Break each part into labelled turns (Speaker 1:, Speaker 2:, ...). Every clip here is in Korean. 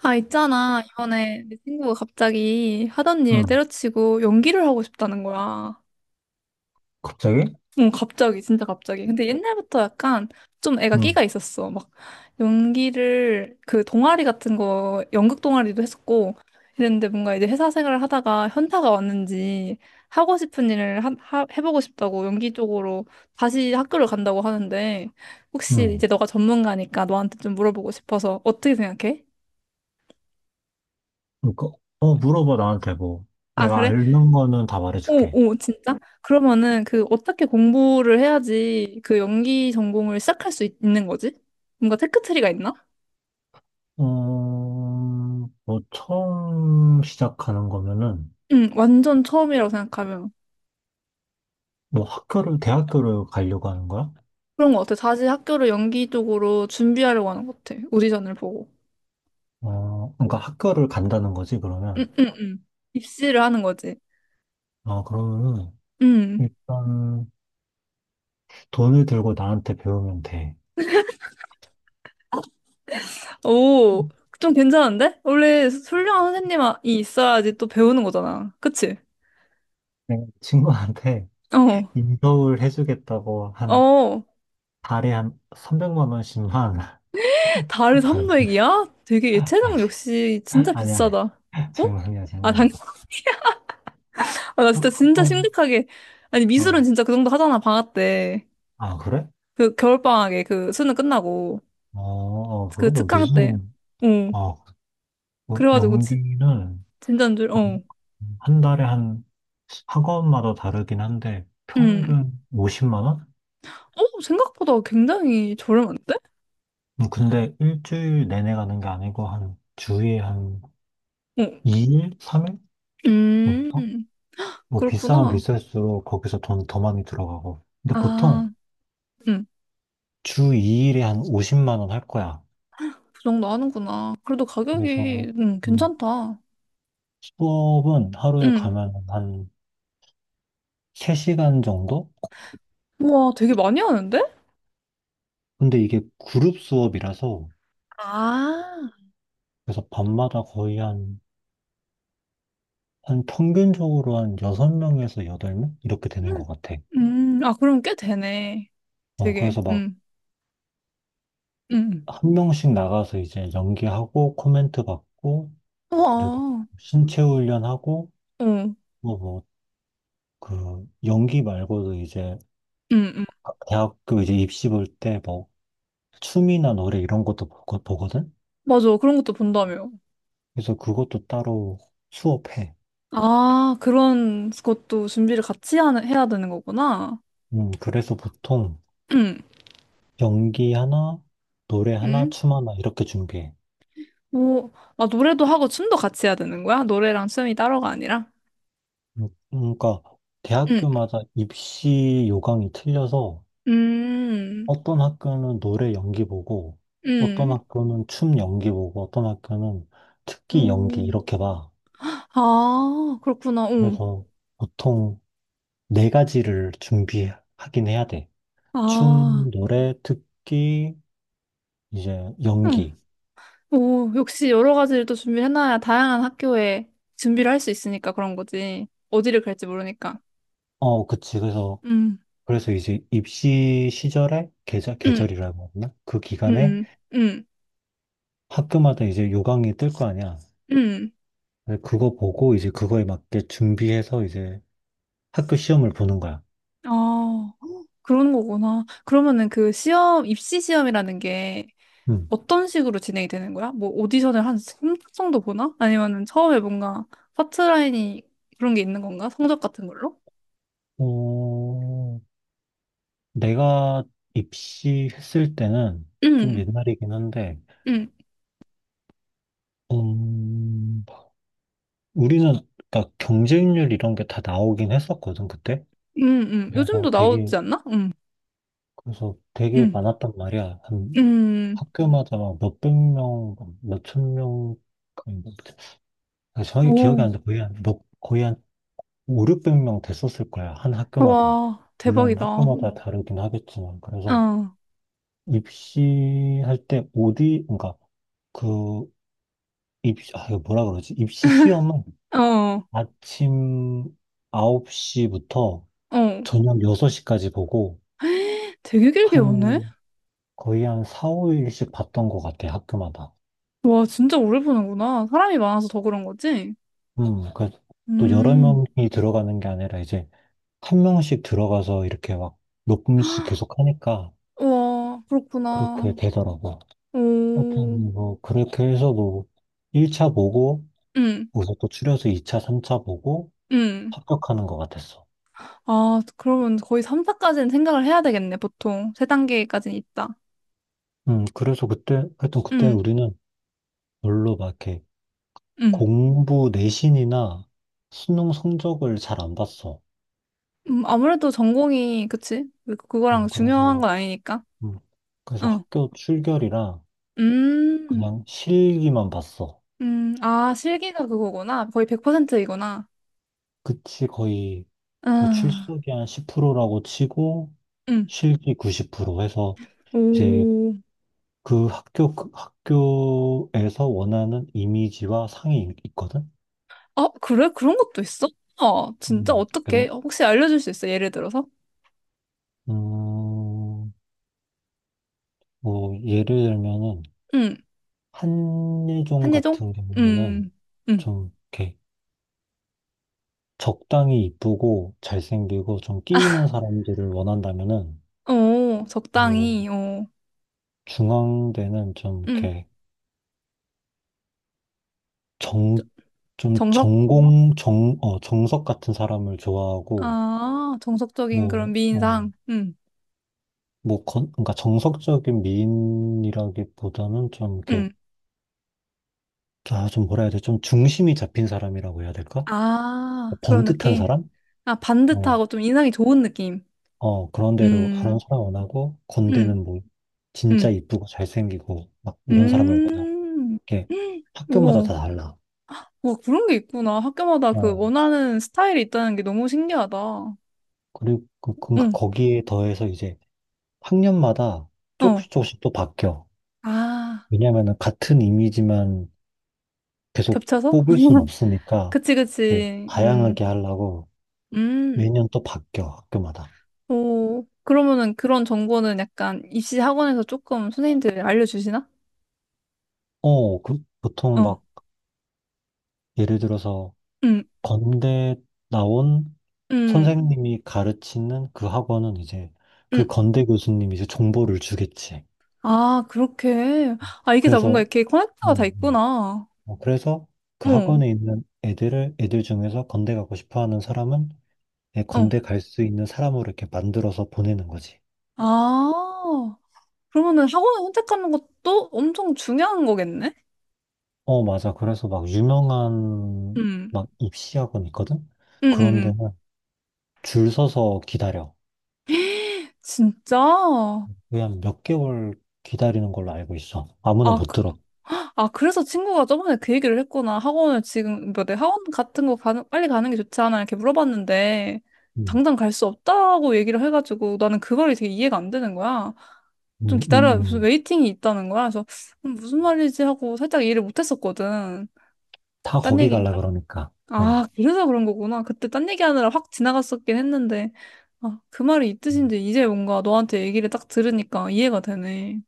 Speaker 1: 아, 있잖아. 이번에 내 친구가 갑자기 하던 일
Speaker 2: 응,
Speaker 1: 때려치고 연기를 하고 싶다는 거야.
Speaker 2: 갑자기?
Speaker 1: 응, 갑자기, 진짜 갑자기. 근데 옛날부터 약간 좀 애가
Speaker 2: 응,
Speaker 1: 끼가 있었어. 막 연기를 그 동아리 같은 거, 연극 동아리도 했었고 이랬는데 뭔가 이제 회사 생활을 하다가 현타가 왔는지 하고 싶은 일을 해보고 싶다고 연기 쪽으로 다시 학교를 간다고 하는데 혹시 이제
Speaker 2: 응.
Speaker 1: 너가 전문가니까 너한테 좀 물어보고 싶어서 어떻게 생각해?
Speaker 2: 그러니까, 물어봐, 나한테 뭐.
Speaker 1: 아,
Speaker 2: 내가
Speaker 1: 그래?
Speaker 2: 아는 거는 다 말해줄게.
Speaker 1: 오, 오, 진짜? 그러면은 그 어떻게 공부를 해야지 그 연기 전공을 시작할 수 는 거지? 뭔가 테크트리가 있나?
Speaker 2: 뭐, 처음 시작하는 거면은,
Speaker 1: 응, 완전 처음이라고 생각하면.
Speaker 2: 뭐, 대학교를 가려고 하는 거야?
Speaker 1: 그런 거 같아. 다시 학교를 연기 쪽으로 준비하려고 하는 것 같아. 오디션을 보고.
Speaker 2: 그러니까 학교를 간다는 거지, 그러면.
Speaker 1: 응, 응, 응. 입시를 하는 거지.
Speaker 2: 아, 그러면은,
Speaker 1: 응.
Speaker 2: 일단, 돈을 들고 나한테 배우면 돼.
Speaker 1: 오, 좀 괜찮은데? 원래 훌륭한 선생님이 있어야지 또 배우는 거잖아. 그치?
Speaker 2: 내가 친구한테 인서울 해주겠다고
Speaker 1: 어,
Speaker 2: 한
Speaker 1: 어.
Speaker 2: 달에 한 300만 원씩만
Speaker 1: 달에
Speaker 2: 달래.
Speaker 1: 300이야? 되게 예체능 역시 진짜
Speaker 2: 아니, 아니야.
Speaker 1: 비싸다. 어?
Speaker 2: 장난이야,
Speaker 1: 아, 당연히.
Speaker 2: 장난.
Speaker 1: 아, 나
Speaker 2: 어,
Speaker 1: 진짜 진짜
Speaker 2: 어,
Speaker 1: 심각하게. 아니 미술은
Speaker 2: 어.
Speaker 1: 진짜 그 정도 하잖아 방학 때.
Speaker 2: 아, 그래?
Speaker 1: 그 겨울방학에 그 수능 끝나고
Speaker 2: 어, 어,
Speaker 1: 그
Speaker 2: 그래도
Speaker 1: 특강 때.
Speaker 2: 미술은.
Speaker 1: 어.
Speaker 2: 어, 뭐,
Speaker 1: 그래가지고 진
Speaker 2: 연기는
Speaker 1: 진짜인 줄. 어.
Speaker 2: 한, 달에 한 학원마다 다르긴 한데,
Speaker 1: 음.
Speaker 2: 평균 50만 원?
Speaker 1: 어 생각보다 굉장히 저렴한데?
Speaker 2: 근데 일주일 내내 가는 게 아니고, 한 주에 한
Speaker 1: 어.
Speaker 2: 2일? 3일? 어?
Speaker 1: 음.
Speaker 2: 뭐, 비싸면
Speaker 1: 그렇구나.
Speaker 2: 비쌀수록 거기서 돈 더 많이 들어가고. 근데 보통
Speaker 1: 아, 음.
Speaker 2: 주 2일에 한 50만 원 할 거야.
Speaker 1: 그 정도 하는구나. 그래도
Speaker 2: 그래서,
Speaker 1: 가격이
Speaker 2: 음,
Speaker 1: 괜찮다.
Speaker 2: 수업은 하루에
Speaker 1: 음.
Speaker 2: 가면 한 3시간 정도?
Speaker 1: 우와 되게 많이 하는데?
Speaker 2: 근데 이게 그룹 수업이라서
Speaker 1: 아,
Speaker 2: 그래서 밤마다 거의 한 평균적으로 한 6명에서 8명? 이렇게 되는
Speaker 1: 음.
Speaker 2: 것 같아.
Speaker 1: 음. 아 그럼 꽤 되네.
Speaker 2: 어,
Speaker 1: 되게
Speaker 2: 그래서 막
Speaker 1: 음.
Speaker 2: 한 명씩 나가서 이제 연기하고 코멘트 받고 그리고
Speaker 1: 우와.
Speaker 2: 신체 훈련하고
Speaker 1: 응.
Speaker 2: 뭐, 그 연기 말고도 이제
Speaker 1: 응, 응.
Speaker 2: 아, 대학교 이제 입시 볼 때 뭐 춤이나 노래 이런 것도 보거든?
Speaker 1: 맞아. 그런 것도 본다며.
Speaker 2: 그래서 그것도 따로 수업해.
Speaker 1: 아, 그런 것도 준비를 같이 해야 되는 거구나.
Speaker 2: 그래서 보통
Speaker 1: 응,
Speaker 2: 연기 하나, 노래 하나,
Speaker 1: 응,
Speaker 2: 춤 하나 이렇게 준비해.
Speaker 1: 오, 아, 노래도 하고 춤도 같이 해야 되는 거야? 노래랑 춤이 따로가 아니라?
Speaker 2: 그러니까
Speaker 1: 응,
Speaker 2: 대학교마다 입시 요강이 틀려서
Speaker 1: 음,
Speaker 2: 어떤 학교는 노래 연기 보고 어떤
Speaker 1: 응.
Speaker 2: 학교는 춤 연기 보고 어떤 학교는 특기 연기
Speaker 1: 오,
Speaker 2: 이렇게 봐.
Speaker 1: 아, 그렇구나. 응.
Speaker 2: 그래서 보통 네 가지를 준비하긴 해야 돼.
Speaker 1: 아,
Speaker 2: 춤, 노래, 특기, 이제
Speaker 1: 응.
Speaker 2: 연기.
Speaker 1: 오, 역시 여러 가지를 또 준비해놔야 다양한 학교에 준비를 할 수 있으니까 그런 거지. 어디를 갈지 모르니까.
Speaker 2: 어, 그치. 그래서
Speaker 1: 음,
Speaker 2: 그래서 이제 입시 시절에 계절
Speaker 1: 응,
Speaker 2: 계절이라고 하나? 그 기간에
Speaker 1: 응, 응,
Speaker 2: 학교마다 이제 요강이 뜰 거 아니야.
Speaker 1: 응.
Speaker 2: 그래서 그거 보고 이제 그거에 맞게 준비해서 이제 학교 시험을 보는 거야.
Speaker 1: 아. 그런 거구나. 그러면은 그 시험, 입시 시험이라는 게
Speaker 2: 음.
Speaker 1: 어떤 식으로 진행이 되는 거야? 뭐 오디션을 한3 정도 보나? 아니면은 처음에 뭔가 파트라인이 그런 게 있는 건가? 성적 같은 걸로?
Speaker 2: 어, 내가 입시했을 때는 좀
Speaker 1: 응,
Speaker 2: 옛날이긴 한데,
Speaker 1: 응,
Speaker 2: 음, 우리는 그러니까 경쟁률 이런 게 다 나오긴 했었거든, 그때.
Speaker 1: 응, 응. 요즘도
Speaker 2: 그래서
Speaker 1: 나오지
Speaker 2: 되게,
Speaker 1: 않나? 응,
Speaker 2: 그래서 되게
Speaker 1: 응,
Speaker 2: 많았단 말이야. 한
Speaker 1: 응.
Speaker 2: 학교마다 막 몇백 명, 몇 천 명, 정확히 기억이
Speaker 1: 오,
Speaker 2: 안 나. 거의 한 5, 600명 됐었을 거야. 한 학교마다.
Speaker 1: 와,
Speaker 2: 물론
Speaker 1: 대박이다. 어,
Speaker 2: 학교마다 다르긴 하겠지만. 그래서
Speaker 1: 어,
Speaker 2: 입시할 때 어디, 그러니까 그 입시, 아, 이거 뭐라 그러지? 입시 시험은 아침 9시부터
Speaker 1: 어.
Speaker 2: 저녁 6시까지 보고
Speaker 1: 되게 길게 보네?
Speaker 2: 한 거의 한 4, 5일씩 봤던 것 같아, 학교마다.
Speaker 1: 와, 진짜 오래 보는구나. 사람이 많아서 더 그런 거지?
Speaker 2: 그또 여러
Speaker 1: 음,
Speaker 2: 명이 들어가는 게 아니라 이제 한 명씩 들어가서 이렇게 막 몇 분씩 계속 하니까
Speaker 1: 와,
Speaker 2: 그렇게
Speaker 1: 그렇구나.
Speaker 2: 되더라고.
Speaker 1: 오.
Speaker 2: 하여튼 뭐 그렇게 해서 뭐 1차 보고
Speaker 1: 응.
Speaker 2: 거기서 또 추려서 2차, 3차 보고
Speaker 1: 응.
Speaker 2: 합격하는 것 같았어.
Speaker 1: 아, 그러면 거의 3사까지는 생각을 해야 되겠네, 보통. 3단계까지는 있다.
Speaker 2: 그래서 그때 하여튼 그때
Speaker 1: 응.
Speaker 2: 우리는 별로 막 이렇게
Speaker 1: 응.
Speaker 2: 공부 내신이나 수능 성적을 잘 안 봤어.
Speaker 1: 아무래도 전공이, 그치?
Speaker 2: 음,
Speaker 1: 그거랑 중요한
Speaker 2: 그래서
Speaker 1: 건 아니니까.
Speaker 2: 음, 그래서
Speaker 1: 응.
Speaker 2: 학교 출결이랑
Speaker 1: 음,
Speaker 2: 그냥 실기만 봤어.
Speaker 1: 아, 실기가 그거구나. 거의 100%이구나.
Speaker 2: 그치 거의 뭐
Speaker 1: 아,
Speaker 2: 출석이 한 10%라고 치고
Speaker 1: 응.
Speaker 2: 실기 90% 해서 이제
Speaker 1: 오.
Speaker 2: 그 학교, 그 학교에서 원하는 이미지와 상이 있거든?
Speaker 1: 아, 그래? 그런 것도 있어? 아 진짜? 어떻게?
Speaker 2: 그래서,
Speaker 1: 혹시 알려줄 수 있어? 예를 들어서?
Speaker 2: 음, 뭐, 예를 들면은,
Speaker 1: 응.
Speaker 2: 한예종
Speaker 1: 한예종?
Speaker 2: 같은
Speaker 1: 음,
Speaker 2: 경우에는
Speaker 1: 음.
Speaker 2: 좀, 이렇게, 적당히 이쁘고 잘생기고 좀 끼이는 사람들을 원한다면은,
Speaker 1: 오,
Speaker 2: 뭐,
Speaker 1: 적당히, 오.
Speaker 2: 중앙대는 좀,
Speaker 1: 음.
Speaker 2: 이렇게, 정, 좀
Speaker 1: 정석?
Speaker 2: 전공, 정, 어, 정석 같은 사람을 좋아하고,
Speaker 1: 아, 정석적인 그런
Speaker 2: 뭐, 어,
Speaker 1: 미인상. 응,
Speaker 2: 뭐, 그러니까 정석적인 미인이라기보다는 좀 이렇게,
Speaker 1: 응.
Speaker 2: 아, 좀 뭐라 해야 돼? 좀 중심이 잡힌 사람이라고 해야 될까? 뭐
Speaker 1: 아, 그런
Speaker 2: 번듯한
Speaker 1: 느낌.
Speaker 2: 사람?
Speaker 1: 아,
Speaker 2: 어,
Speaker 1: 반듯하고 좀 인상이 좋은 느낌.
Speaker 2: 어, 그런 대로
Speaker 1: 음,
Speaker 2: 다른 사람 원하고,
Speaker 1: 음,
Speaker 2: 건대는 뭐, 진짜
Speaker 1: 음,
Speaker 2: 이쁘고 잘생기고, 막 이런 사람을 원하고,
Speaker 1: 음.
Speaker 2: 이렇게
Speaker 1: 헉,
Speaker 2: 학교마다 다
Speaker 1: 우와,
Speaker 2: 달라.
Speaker 1: 와, 그런 게 있구나. 학교마다 그
Speaker 2: 어,
Speaker 1: 원하는 스타일이 있다는 게 너무 신기하다.
Speaker 2: 그리고 그러니까
Speaker 1: 응,
Speaker 2: 거기에 더해서 이제 학년마다
Speaker 1: 어.
Speaker 2: 조금씩 조금씩 또 바뀌어.
Speaker 1: 아,
Speaker 2: 왜냐면은 같은 이미지만 계속
Speaker 1: 겹쳐서?
Speaker 2: 뽑을 순 없으니까,
Speaker 1: 그치,
Speaker 2: 이렇게
Speaker 1: 그치.
Speaker 2: 다양하게 하려고,
Speaker 1: 음.
Speaker 2: 매년 또 바뀌어, 학교마다.
Speaker 1: 오, 그러면은 그런 정보는 약간 입시 학원에서 조금 선생님들이 알려주시나?
Speaker 2: 어, 그, 보통
Speaker 1: 어,
Speaker 2: 막, 예를 들어서,
Speaker 1: 음,
Speaker 2: 건대 나온
Speaker 1: 음.
Speaker 2: 선생님이 가르치는 그 학원은 이제, 그
Speaker 1: 음,
Speaker 2: 건대 교수님이 이제 정보를 주겠지.
Speaker 1: 아, 그렇게. 아, 이게 다 뭔가
Speaker 2: 그래서,
Speaker 1: 이렇게 커넥터가 다
Speaker 2: 뭐,
Speaker 1: 있구나.
Speaker 2: 그래서 그
Speaker 1: 응,
Speaker 2: 학원에 있는 애들을, 애들 중에서 건대 가고 싶어 하는 사람은, 애
Speaker 1: 어.
Speaker 2: 건대 갈 수 있는 사람으로 이렇게 만들어서 보내는 거지.
Speaker 1: 아, 그러면은 학원을 선택하는 것도 엄청 중요한 거겠네?
Speaker 2: 어, 맞아. 그래서 막, 유명한,
Speaker 1: 응,
Speaker 2: 막, 입시 학원 있거든?
Speaker 1: 응, 응,
Speaker 2: 그런
Speaker 1: 응.
Speaker 2: 데는 줄 서서 기다려.
Speaker 1: 진짜? 아,
Speaker 2: 그냥 한몇 개월 기다리는 걸로 알고 있어. 아무나 못
Speaker 1: 그,
Speaker 2: 들어.
Speaker 1: 아, 그래서 친구가 저번에 그 얘기를 했구나. 학원을 지금, 뭐, 내 학원 같은 거 가는, 빨리 가는 게 좋지 않아? 이렇게 물어봤는데,
Speaker 2: 음,
Speaker 1: 당장 갈 수 없다고 얘기를 해가지고, 나는 그거를 되게 이해가 안 되는 거야.
Speaker 2: 음,
Speaker 1: 좀
Speaker 2: 음,
Speaker 1: 기다려, 무슨
Speaker 2: 음.
Speaker 1: 웨이팅이 있다는 거야. 그래서 무슨 말이지 하고 살짝 이해를 못했었거든.
Speaker 2: 다
Speaker 1: 딴
Speaker 2: 거기
Speaker 1: 얘기.
Speaker 2: 갈라 아, 그러니까. 어.
Speaker 1: 아, 그래서 그런 거구나. 그때 딴 얘기하느라 확 지나갔었긴 했는데. 아, 그 말이 이 뜻인지 이제 뭔가 너한테 얘기를 딱 들으니까 이해가 되네.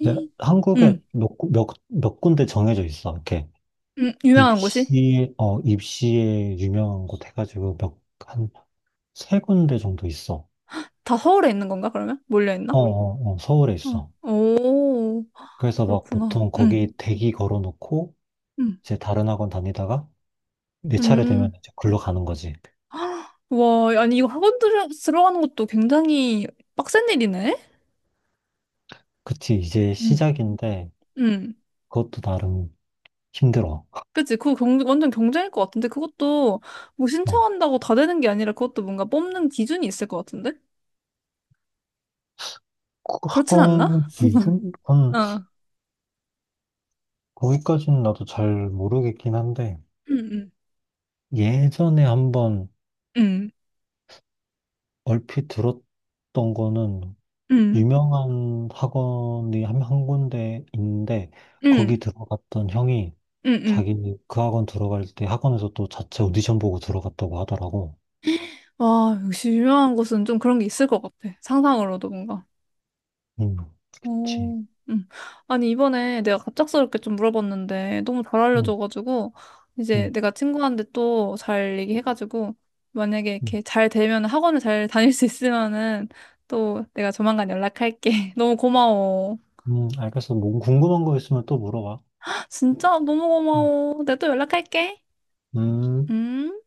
Speaker 2: 이제
Speaker 1: 음.
Speaker 2: 한국에
Speaker 1: 음,
Speaker 2: 몇 군데 정해져 있어. 이렇게
Speaker 1: 유명한 곳이?
Speaker 2: 입시에, 입시에 유명한 곳 해가지고 몇, 한 세 군데 정도 있어.
Speaker 1: 다 서울에 있는 건가, 그러면? 몰려있나?
Speaker 2: 어, 어, 어, 서울에
Speaker 1: 어.
Speaker 2: 있어.
Speaker 1: 오,
Speaker 2: 그래서 막
Speaker 1: 그렇구나.
Speaker 2: 보통 거기 대기 걸어놓고
Speaker 1: 음,
Speaker 2: 이제 다른 학원 다니다가 내 차례
Speaker 1: 음.
Speaker 2: 되면 이제 글로 가는 거지.
Speaker 1: 와, 아니, 이거 학원 들어가는 것도 굉장히 빡센 일이네?
Speaker 2: 그치, 이제
Speaker 1: 음,
Speaker 2: 시작인데
Speaker 1: 음.
Speaker 2: 그것도 나름 힘들어.
Speaker 1: 그치? 그거 완전 경쟁일 것 같은데 그것도 뭐
Speaker 2: 어,
Speaker 1: 신청한다고 다 되는 게 아니라 그것도 뭔가 뽑는 기준이 있을 것 같은데?
Speaker 2: 그
Speaker 1: 그렇진 않나?
Speaker 2: 학원 기준?
Speaker 1: 어.
Speaker 2: 거기까지는 나도 잘 모르겠긴 한데,
Speaker 1: 응, 응,
Speaker 2: 예전에 한번
Speaker 1: 응,
Speaker 2: 얼핏 들었던 거는,
Speaker 1: 응,
Speaker 2: 유명한 학원이 한 군데인데, 거기
Speaker 1: 응,
Speaker 2: 들어갔던 형이
Speaker 1: 응. 응.
Speaker 2: 자기 그 학원 들어갈 때 학원에서 또 자체 오디션 보고 들어갔다고 하더라고.
Speaker 1: 와, 역시 유명한 곳은 좀 그런 게 있을 것 같아. 상상으로도 뭔가.
Speaker 2: 음, 그치.
Speaker 1: 오, 아니, 이번에 내가 갑작스럽게 좀 물어봤는데, 너무 잘
Speaker 2: 음,
Speaker 1: 알려줘가지고, 이제
Speaker 2: 음,
Speaker 1: 내가 친구한테 또 잘 얘기해가지고, 만약에
Speaker 2: 음.
Speaker 1: 이렇게 잘 되면 학원을 잘 다닐 수 있으면은, 또 내가 조만간 연락할게. 너무 고마워.
Speaker 2: 알겠어. 뭐 궁금한 거 있으면 또 물어봐.
Speaker 1: 진짜 너무
Speaker 2: 음.
Speaker 1: 고마워. 내가 또 연락할게.
Speaker 2: 음.
Speaker 1: 음.